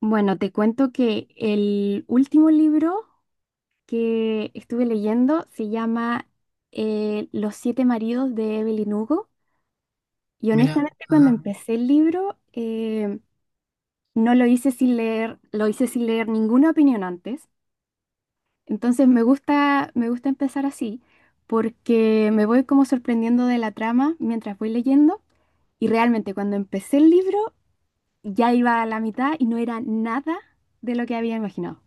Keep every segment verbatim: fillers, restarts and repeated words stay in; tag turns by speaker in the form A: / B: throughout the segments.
A: Bueno, te cuento que el último libro que estuve leyendo se llama eh, Los siete maridos de Evelyn Hugo. Y
B: Mira,
A: honestamente, cuando
B: ajá,
A: empecé el libro, eh, no lo hice sin leer, lo hice sin leer ninguna opinión antes. Entonces me gusta, me gusta empezar así, porque me voy como sorprendiendo de la trama mientras voy leyendo. Y realmente cuando empecé el libro, ya iba a la mitad y no era nada de lo que había imaginado.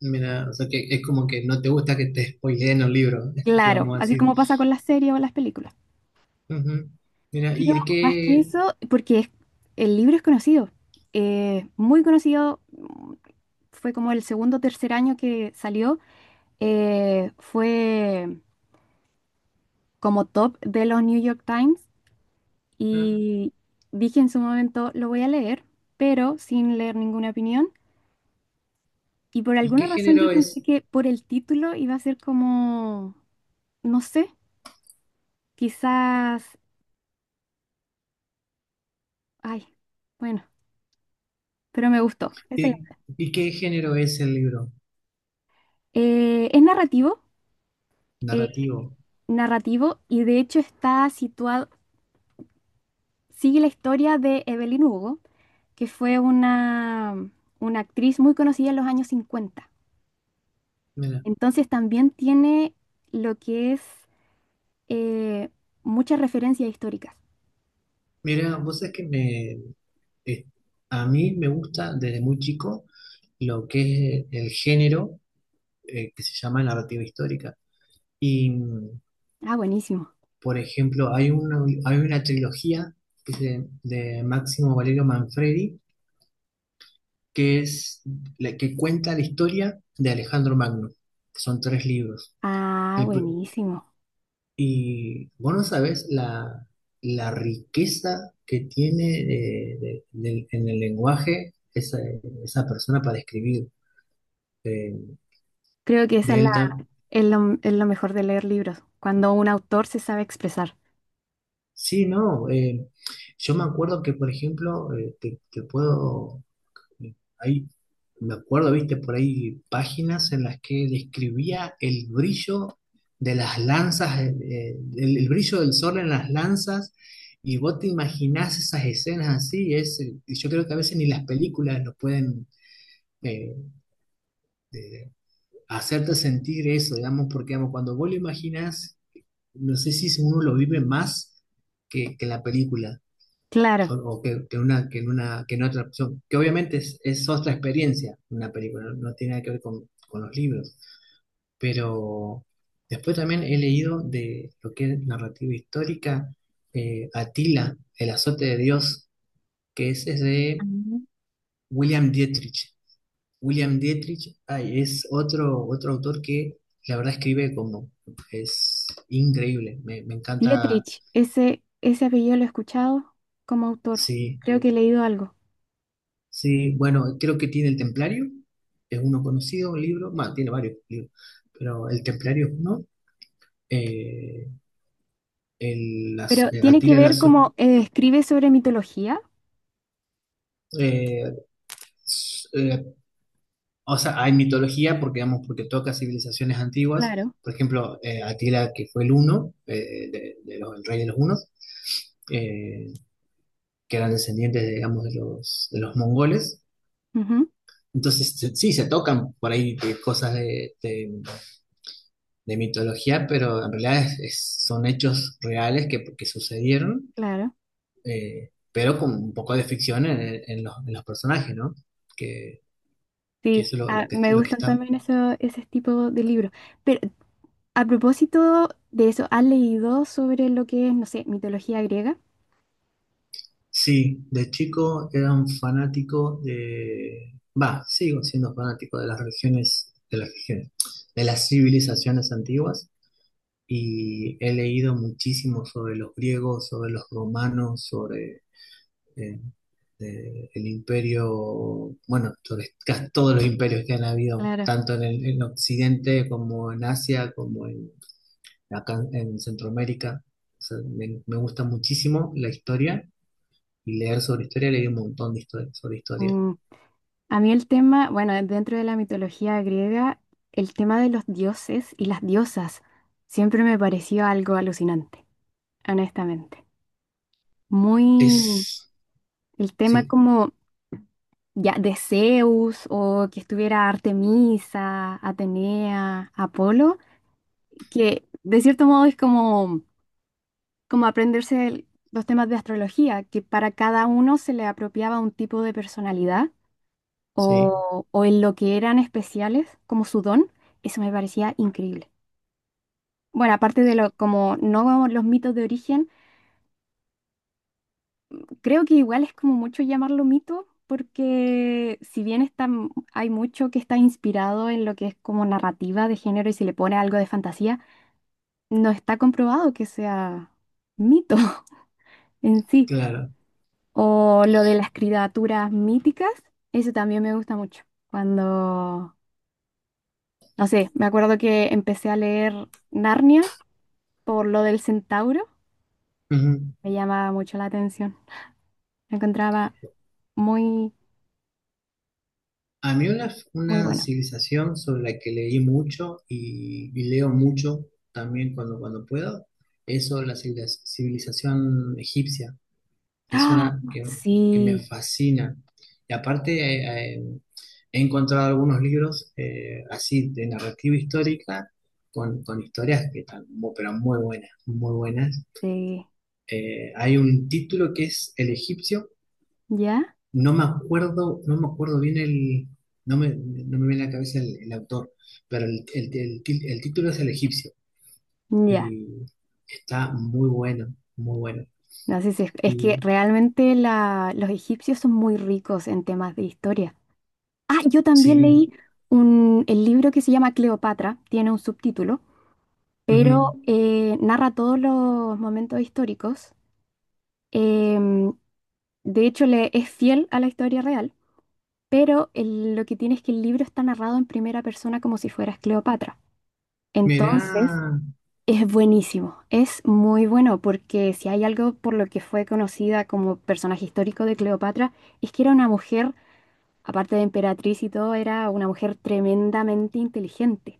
B: mira, o sea que es como que no te gusta que te spoileen los libros, si vamos
A: Claro,
B: a
A: así
B: decir.
A: como pasa con las series o las películas.
B: Ujú. Mira, ¿y
A: Pero
B: de
A: más que
B: qué,
A: eso, porque es- el libro es conocido, eh, muy conocido, mm, fue como el segundo o tercer año que salió, eh, fue como top de los New York Times
B: ah,
A: y dije en su momento, lo voy a leer, pero sin leer ninguna opinión. Y por
B: ¿y qué
A: alguna razón yo
B: género
A: pensé
B: es?
A: que por el título iba a ser como, no sé, quizás, ay, bueno, pero me gustó.
B: ¿Y, y qué género es el libro?
A: Eh, es narrativo, eh,
B: Narrativo.
A: narrativo y de hecho está situado, sigue la historia de Evelyn Hugo, que fue una, una actriz muy conocida en los años cincuenta.
B: Mira,
A: Entonces también tiene lo que es, eh, muchas referencias históricas.
B: mira, vos sabés que me, eh, a mí me gusta desde muy chico lo que es el género eh, que se llama narrativa histórica. Y, mm,
A: Ah, buenísimo.
B: por ejemplo, hay una, hay una trilogía que es de Máximo Valerio Manfredi que es la que cuenta la historia de Alejandro Magno. Que Son tres libros.
A: Ah,
B: El pr-
A: buenísimo.
B: y vos no sabés la, la riqueza que tiene eh, de- del- en el lenguaje esa, esa persona para escribir. eh,
A: Creo que esa
B: de
A: es la,
B: él tam-
A: es lo, es lo mejor de leer libros, cuando un autor se sabe expresar.
B: Sí, no. Eh, yo me acuerdo que, por ejemplo, eh, te, te puedo Ahí me acuerdo, viste, por ahí páginas en las que describía el brillo de las lanzas, eh, eh, el, el brillo del sol en las lanzas, y vos te imaginás esas escenas así, y es, y yo creo que a veces ni las películas nos pueden eh, de- hacerte sentir eso, digamos, porque digamos, cuando vos lo imaginás, no sé si uno lo vive más que, que la película o,
A: Claro.
B: o que, que una, que, en una, que en otra opción. Que obviamente es, es otra experiencia una película, no, no tiene nada que ver con, con los libros. Pero después también he leído de lo que es narrativa histórica, eh, Atila, El azote de Dios, que ese es de
A: Ah.
B: William Dietrich. William Dietrich, ay, es otro, otro autor que la verdad escribe como es increíble, me, me encanta.
A: Dietrich, ese, ese apellido lo he escuchado como autor.
B: Sí,
A: Creo que he leído algo.
B: Sí, bueno, creo que tiene el Templario, es uno conocido, un libro, más, tiene varios libros, pero el Templario es uno. Eh, el, las-
A: Pero
B: eh,
A: tiene que
B: Atila la
A: ver
B: Su-
A: como eh, escribe sobre mitología.
B: eh, s- eh, O sea, hay mitología porque, digamos, porque toca civilizaciones antiguas,
A: Claro.
B: por ejemplo, eh, Atila que fue el uno, eh, de, de los, el rey de los hunos, eh, que eran descendientes, de, digamos, de los, de los mongoles,
A: Ujú,
B: entonces se- sí, se tocan por ahí eh, cosas de, de mitología, pero en realidad es- es- son hechos reales que, que sucedieron,
A: claro.
B: eh, pero con un poco de ficción en, el- en los, en los personajes, ¿no? Que, que
A: Sí,
B: eso es lo,
A: ah,
B: lo que,
A: me
B: lo que
A: gustan
B: está.
A: también eso, ese tipo de libros. Pero a propósito de eso, ¿has leído sobre lo que es, no sé, mitología griega?
B: Sí, de chico era un fanático de... Va, sigo siendo fanático de las religiones, de las religiones, de las civilizaciones antiguas y he leído muchísimo sobre los griegos, sobre los romanos, sobre eh, de- el imperio, bueno, sobre casi todos los imperios que han habido,
A: Claro.
B: tanto en el en Occidente como en Asia, como en, acá en Centroamérica. O sea, me, me gusta muchísimo la historia y leer sobre historia, leí un montón de historia, sobre historia.
A: Mm, A mí el tema, bueno, dentro de la mitología griega, el tema de los dioses y las diosas siempre me pareció algo alucinante, honestamente. Muy,
B: Es,
A: el tema
B: sí,
A: como ya de Zeus o que estuviera Artemisa, Atenea, Apolo, que de cierto modo es como, como aprenderse el- los temas de astrología, que para cada uno se le apropiaba un tipo de personalidad
B: sí,
A: o, o en lo que eran especiales, como su don, eso me parecía increíble. Bueno, aparte de lo, como no vamos los mitos de origen, creo que igual es como mucho llamarlo mito, porque si bien está, m- hay mucho que está inspirado en lo que es como narrativa de género y se le pone algo de fantasía, no está comprobado que sea mito en sí.
B: claro.
A: O lo de las criaturas míticas, eso también me gusta mucho. Cuando, no sé, me acuerdo que empecé a leer Narnia por lo del centauro,
B: Ujú.
A: me llamaba mucho la atención. Lo encontraba muy,
B: A mí una,
A: muy
B: una
A: bueno.
B: civilización sobre la que leí mucho y, y leo mucho también cuando, cuando puedo, es sobre la civiliz- civilización egipcia. Es
A: ¡Ah!
B: una que, que me
A: Sí,
B: fascina. Y aparte, eh, eh, he encontrado algunos libros eh, así de narrativa histórica con, con historias que están, mu- pero muy buenas, muy buenas.
A: sí.
B: Eh, hay un título que es El egipcio,
A: ¿Ya?
B: no me acuerdo, no me acuerdo bien el, no me, no me viene a la cabeza el, el autor, pero el, el- el ti- el título es El egipcio
A: Ya.
B: y está muy bueno, muy bueno.
A: No sé si es, es que
B: Y
A: realmente la- los egipcios son muy ricos en temas de historia. Ah, yo también
B: sí,
A: leí un, el libro que se llama Cleopatra, tiene un subtítulo, pero eh, narra todos los momentos históricos. Em, de hecho, le, es fiel a la historia real, pero el- lo que tiene es que el libro está narrado en primera persona como si fueras Cleopatra.
B: mira.
A: Entonces, es buenísimo, es muy bueno porque si hay algo por lo que fue conocida como personaje histórico de Cleopatra, es que era una mujer, aparte de emperatriz y todo, era una mujer tremendamente inteligente.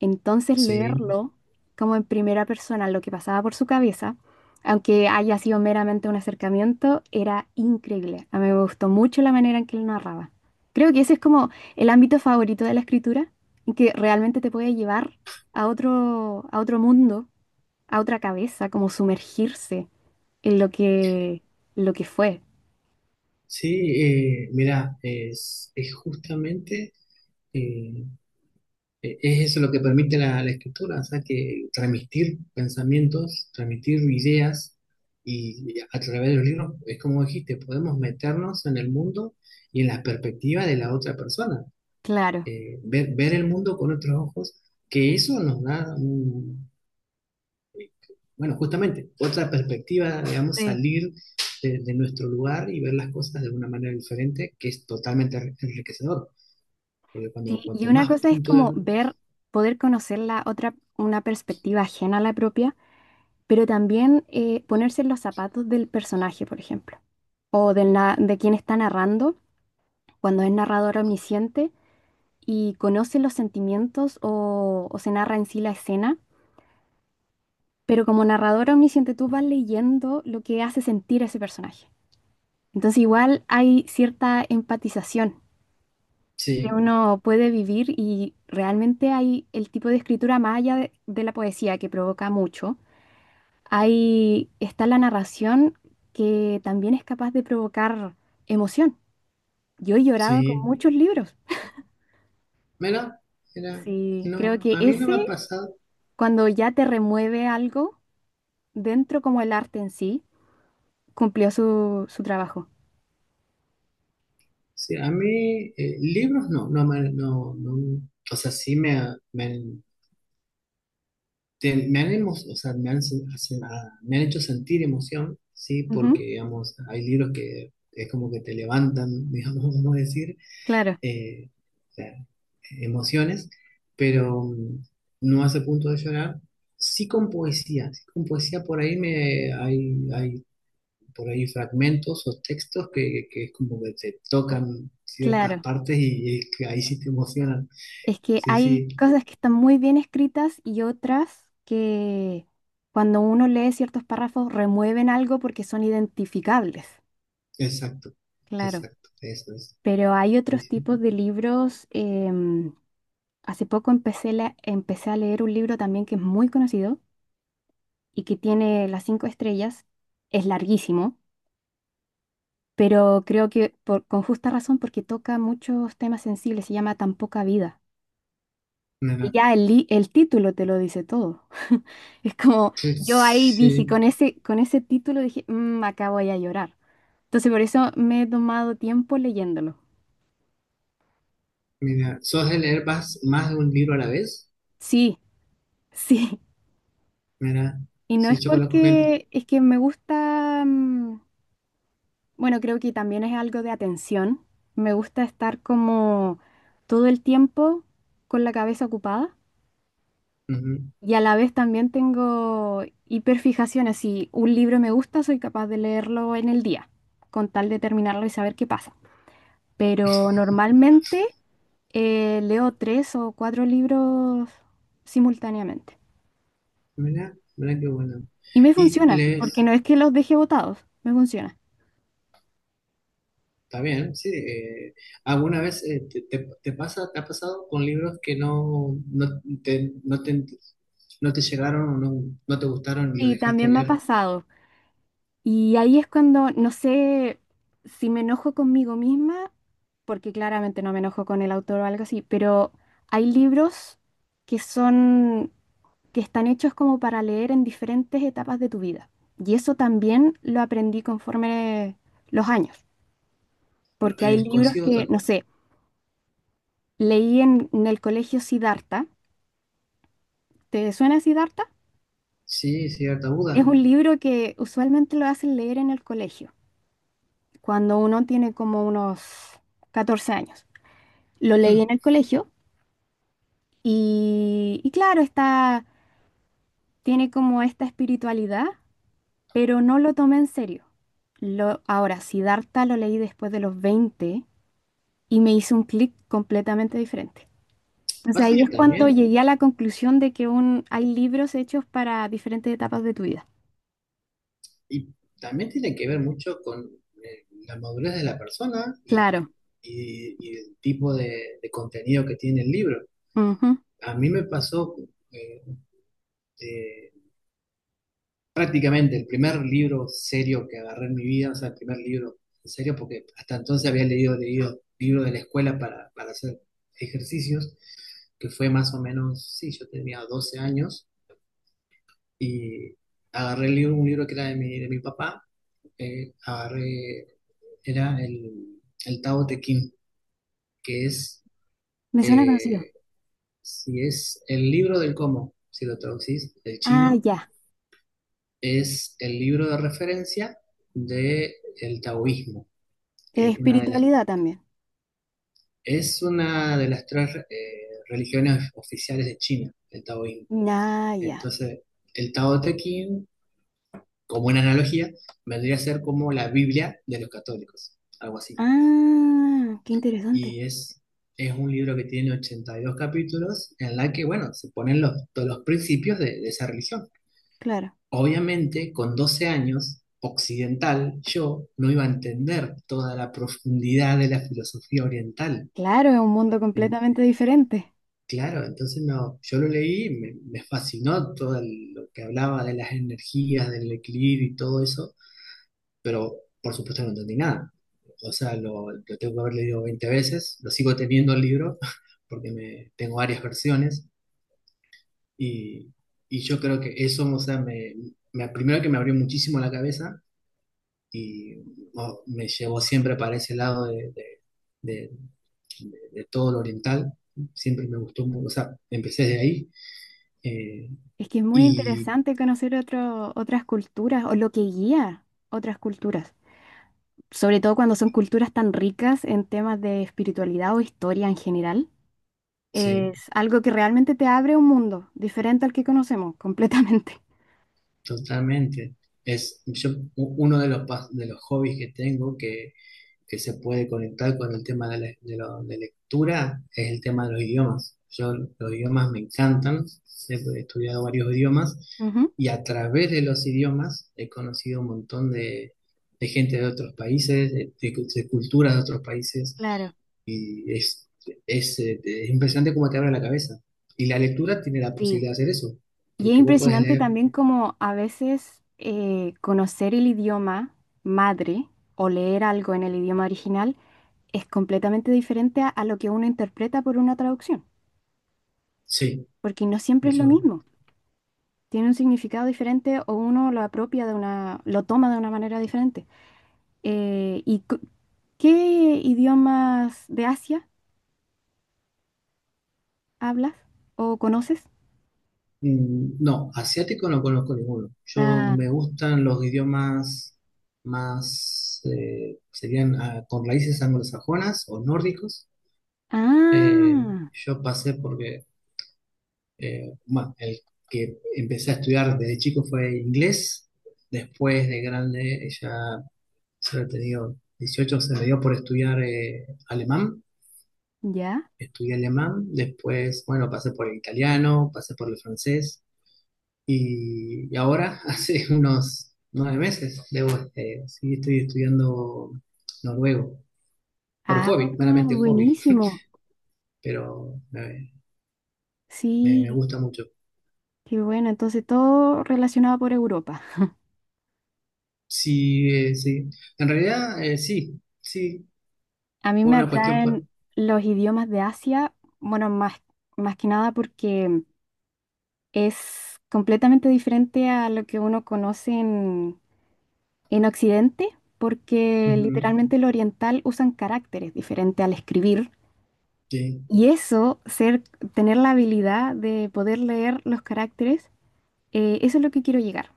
A: Entonces
B: Sí,
A: leerlo como en primera persona lo que pasaba por su cabeza, aunque haya sido meramente un acercamiento, era increíble. A mí me gustó mucho la manera en que él narraba. Creo que ese es como el ámbito favorito de la escritura, en que realmente te puede llevar a otro, a otro mundo, a otra cabeza, como sumergirse en lo que, lo que fue.
B: sí, eh, mira, es, es justamente eh, eh, es eso lo que permite la, la escritura, o sea, que transmitir pensamientos, transmitir ideas y, y a través de los libros, es como dijiste, podemos meternos en el mundo y en la perspectiva de la otra persona,
A: Claro.
B: eh, ver, ver el mundo con otros ojos, que eso nos da, un- bueno, justamente, otra perspectiva, digamos,
A: Sí,
B: salir de, de nuestro lugar y ver las cosas de una manera diferente, que es totalmente enriquecedor, porque cuando
A: sí, y
B: cuanto
A: una
B: más
A: cosa es
B: puntos,
A: como
B: de-
A: ver, poder conocer la otra, una perspectiva ajena a la propia, pero también eh, ponerse en los zapatos del personaje, por ejemplo, o del na- de quien está narrando, cuando es narrador omnisciente y conoce los sentimientos o, o se narra en sí la escena, pero como narrador omnisciente tú vas leyendo lo que hace sentir a ese personaje. Entonces igual hay cierta empatización que
B: sí,
A: uno puede vivir y realmente hay el tipo de escritura más allá de, de la poesía que provoca mucho. Ahí está la narración que también es capaz de provocar emoción. Yo he llorado con
B: sí,
A: muchos libros.
B: mira, mira,
A: Sí, creo
B: no,
A: que
B: a mí no me ha
A: ese,
B: pasado,
A: cuando ya te remueve algo dentro como el arte en sí, cumplió su, su trabajo.
B: sí, a mí eh, libros no, no, me- no, no, o sea, sí me, ha- me, han- te- me han, emo- o sea, me han, sen- hacen- ah, me han hecho sentir emoción, sí, porque,
A: Ujú,
B: digamos, hay libros que es como que te levantan, digamos, vamos a decir
A: claro,
B: eh, o sea, emociones, pero mm, no hace punto de llorar. Sí con poesía, sí con poesía por ahí me hay, hay por ahí fragmentos o textos que, que es como que te tocan ciertas
A: claro.
B: partes y, y que ahí sí te emocionan.
A: Es que
B: Sí,
A: hay
B: sí,
A: cosas que están muy bien escritas y otras que cuando uno lee ciertos párrafos remueven algo porque son identificables,
B: exacto,
A: claro.
B: exacto, eso es.
A: Pero hay
B: Sí,
A: otros
B: sí.
A: tipos de libros. Em, hace poco empecé, la- empecé a leer un libro también que es muy conocido y que tiene las cinco estrellas. Es larguísimo, pero creo que por- con justa razón porque toca muchos temas sensibles. Se llama Tan poca vida. Y
B: Mira,
A: ya el, li- el título te lo dice todo. Es como,
B: que-
A: yo ahí dije,
B: sí,
A: con ese, con ese título dije, "Mm, acá voy a llorar". Entonces por eso me he tomado tiempo leyéndolo.
B: mira, ¿sos de leer más, más de un libro a la vez?
A: Sí, sí.
B: Mira,
A: Y no
B: sí,
A: es
B: yo conozco gente.
A: porque, es que me gusta, mm, bueno, creo que también es algo de atención. Me gusta estar como todo el tiempo con la cabeza ocupada y a la vez también tengo hiperfijaciones. Si un libro me gusta, soy capaz de leerlo en el día, con tal de terminarlo y saber qué pasa. Pero normalmente... eh, leo tres o cuatro libros simultáneamente.
B: Mirá, mirá qué bueno.
A: Y me
B: Y
A: funciona, porque
B: lees,
A: no es que los deje botados, me funciona.
B: está bien, sí. Eh, ¿alguna vez eh, te, te- te pasa, te ha pasado con libros que no, no te, no te, no te llegaron o no, no te gustaron y los
A: Y
B: dejaste de
A: también me ha
B: leer?
A: pasado. Y ahí es cuando, no sé si me enojo conmigo misma, porque claramente no me enojo con el autor o algo así, pero hay libros que son, que están hechos como para leer en diferentes etapas de tu vida. Y eso también lo aprendí conforme los años, porque hay
B: Eh,
A: libros
B: coincido,
A: que,
B: to-
A: no sé, leí en, en el colegio Siddhartha. ¿Te suena Siddhartha?
B: sí, cierta
A: Es
B: duda.
A: un libro que usualmente lo hacen leer en el colegio, cuando uno tiene como unos catorce años. Lo leí en
B: Hmm.
A: el colegio y, y claro, está, tiene como esta espiritualidad, pero no lo tomé en serio. Lo, ahora, Siddhartha lo leí después de los veinte y me hizo un clic completamente diferente. Entonces
B: Pasa
A: ahí
B: que
A: es cuando
B: también,
A: llegué a la conclusión de que un, hay libros hechos para diferentes etapas de tu vida.
B: y también tiene que ver mucho con eh, la madurez de la persona y,
A: Claro.
B: y- y el tipo de, de contenido que tiene el libro.
A: Ujú,
B: A mí me pasó... eh, de- prácticamente el primer libro serio que agarré en mi vida, o sea, el primer libro en serio, porque hasta entonces había leído, leído libros de la escuela para, para hacer ejercicios, que fue más o menos, sí, yo tenía doce años y agarré el libro, un libro que era de mi, de mi papá, eh, agarré, era el, el Tao Te Ching, que es,
A: me suena conocido.
B: eh, si es el libro del cómo, si lo traducís del
A: Ah,
B: chino,
A: ya.
B: es el libro de referencia del taoísmo que es una de las,
A: Espiritualidad también.
B: es una de las tres eh, religiones oficiales de China, el taoísmo.
A: Ah, ya.
B: Entonces, el Tao Te Ching, como una analogía, vendría a ser como la Biblia de los católicos, algo así.
A: Ah, qué interesante.
B: Y es, es un libro que tiene ochenta y dos capítulos en la que, bueno, se ponen los, todos los principios de, de esa religión.
A: Claro.
B: Obviamente, con doce años, occidental, yo no iba a entender toda la profundidad de la filosofía oriental.
A: Claro, es un mundo
B: En-
A: completamente diferente.
B: Claro, entonces no, yo lo leí, me, me fascinó todo el- lo que hablaba de las energías, del equilibrio y todo eso, pero por supuesto no entendí nada. O sea, lo, lo tengo que haber leído veinte veces, lo sigo teniendo el libro, porque me, tengo varias versiones, y, y yo creo que eso, o sea, me, me- primero que me abrió muchísimo la cabeza y oh, me llevó siempre para ese lado de, de- de- de- de todo lo oriental, siempre me gustó, mu- o sea, empecé de ahí. Eh,
A: Es que es muy
B: Y
A: interesante conocer otro- otras culturas o lo que guía otras culturas. Sobre todo cuando son culturas tan ricas en temas de espiritualidad o historia en general.
B: sí,
A: Es algo que realmente te abre un mundo diferente al que conocemos completamente.
B: totalmente. Es yo, u- uno de los, pas- de los hobbies que tengo, que se puede conectar con el tema de, la- de lo- de lectura es el tema de los idiomas. Yo los idiomas me encantan, he estudiado varios idiomas
A: Ujú,
B: y a través de los idiomas he conocido un montón de, de gente de otros países, de, de- de culturas de otros países
A: claro.
B: y es, es, eh, es impresionante cómo te abre la cabeza. Y la lectura tiene la
A: Sí.
B: posibilidad de hacer eso,
A: Y es
B: porque vos podés
A: impresionante
B: leer,
A: también como a veces eh, conocer el idioma madre o leer algo en el idioma original es completamente diferente a, a lo que uno interpreta por una traducción,
B: sí,
A: porque no siempre es lo
B: eso.
A: mismo. Tiene un significado diferente o uno lo apropia de una, lo toma de una manera diferente. Eh, ¿y cu- qué idiomas de Asia hablas o conoces?
B: Mm, no, asiático no conozco ninguno. Yo
A: Ah,
B: me gustan los idiomas más, eh, serían ah, con raíces anglosajonas o nórdicos. Eh,
A: ah,
B: yo pasé porque, eh, bueno, el que empecé a estudiar desde chico fue inglés. Después de grande, ya se había tenido dieciocho, se me dio por estudiar eh, alemán.
A: ya.
B: Estudié alemán. Después, bueno, pasé por el italiano, pasé por el francés. Y, y ahora, hace unos nueve meses, debo, este, sí, estoy estudiando noruego, por
A: Ah,
B: hobby, meramente hobby,
A: buenísimo.
B: pero me, me- me
A: Sí.
B: gusta mucho.
A: Qué bueno, entonces todo relacionado por Europa.
B: Sí, eh, sí, en realidad eh, sí, sí,
A: A mí
B: fue
A: me
B: una cuestión por...
A: atraen los idiomas de Asia, bueno, más, más que nada porque es completamente diferente a lo que uno conoce en, en Occidente, porque
B: Ujú,
A: literalmente el oriental usan caracteres diferentes al escribir.
B: sí,
A: Y eso, ser, tener la habilidad de poder leer los caracteres, eh, eso es lo que quiero llegar.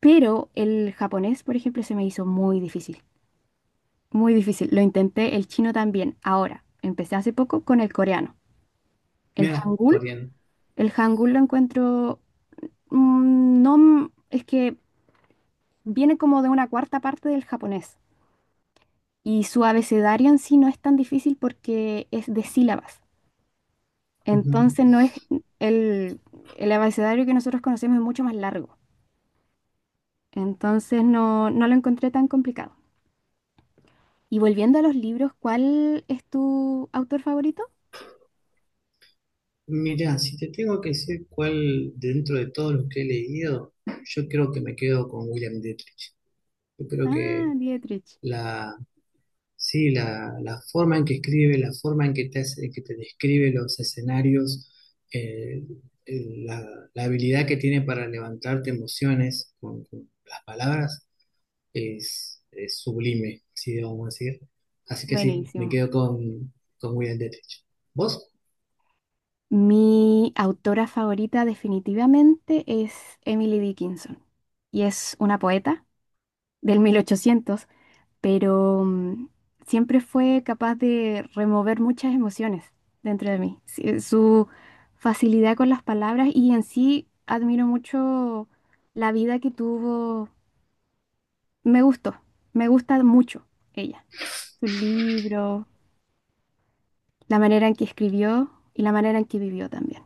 A: Pero el japonés, por ejemplo, se me hizo muy difícil. Muy difícil. Lo intenté el chino también. Ahora, empecé hace poco con el coreano. El
B: mira,
A: hangul.
B: coreano.
A: El hangul lo encuentro... mm, no... m- Es que viene como de una cuarta parte del japonés. Y su abecedario en sí no es tan difícil porque es de sílabas.
B: Ujú.
A: Entonces no es... El, el abecedario que nosotros conocemos es mucho más largo. Entonces no, no lo encontré tan complicado. Y volviendo a los libros, ¿cuál es tu autor favorito?
B: Mira, si te tengo que decir cuál dentro de todos los que he leído, yo creo que me quedo con William Dietrich. Yo creo
A: Ah,
B: que
A: Dietrich.
B: la, sí, la, la forma en que escribe, la forma en que te, hace- que te describe los escenarios, eh, eh, la, la habilidad que tiene para levantarte emociones con, con las palabras es, es sublime, si debemos decir. Así que sí, me
A: Buenísimo.
B: quedo con, con William Detrich. ¿Vos?
A: Mi autora favorita definitivamente es Emily Dickinson y es una poeta del mil ochocientos, pero mm, siempre fue capaz de remover muchas emociones dentro de mí. Sí, su facilidad con las palabras y en sí admiro mucho la vida que tuvo. Me gustó, me gusta mucho ella, su libro, la manera en que escribió y la manera en que vivió también.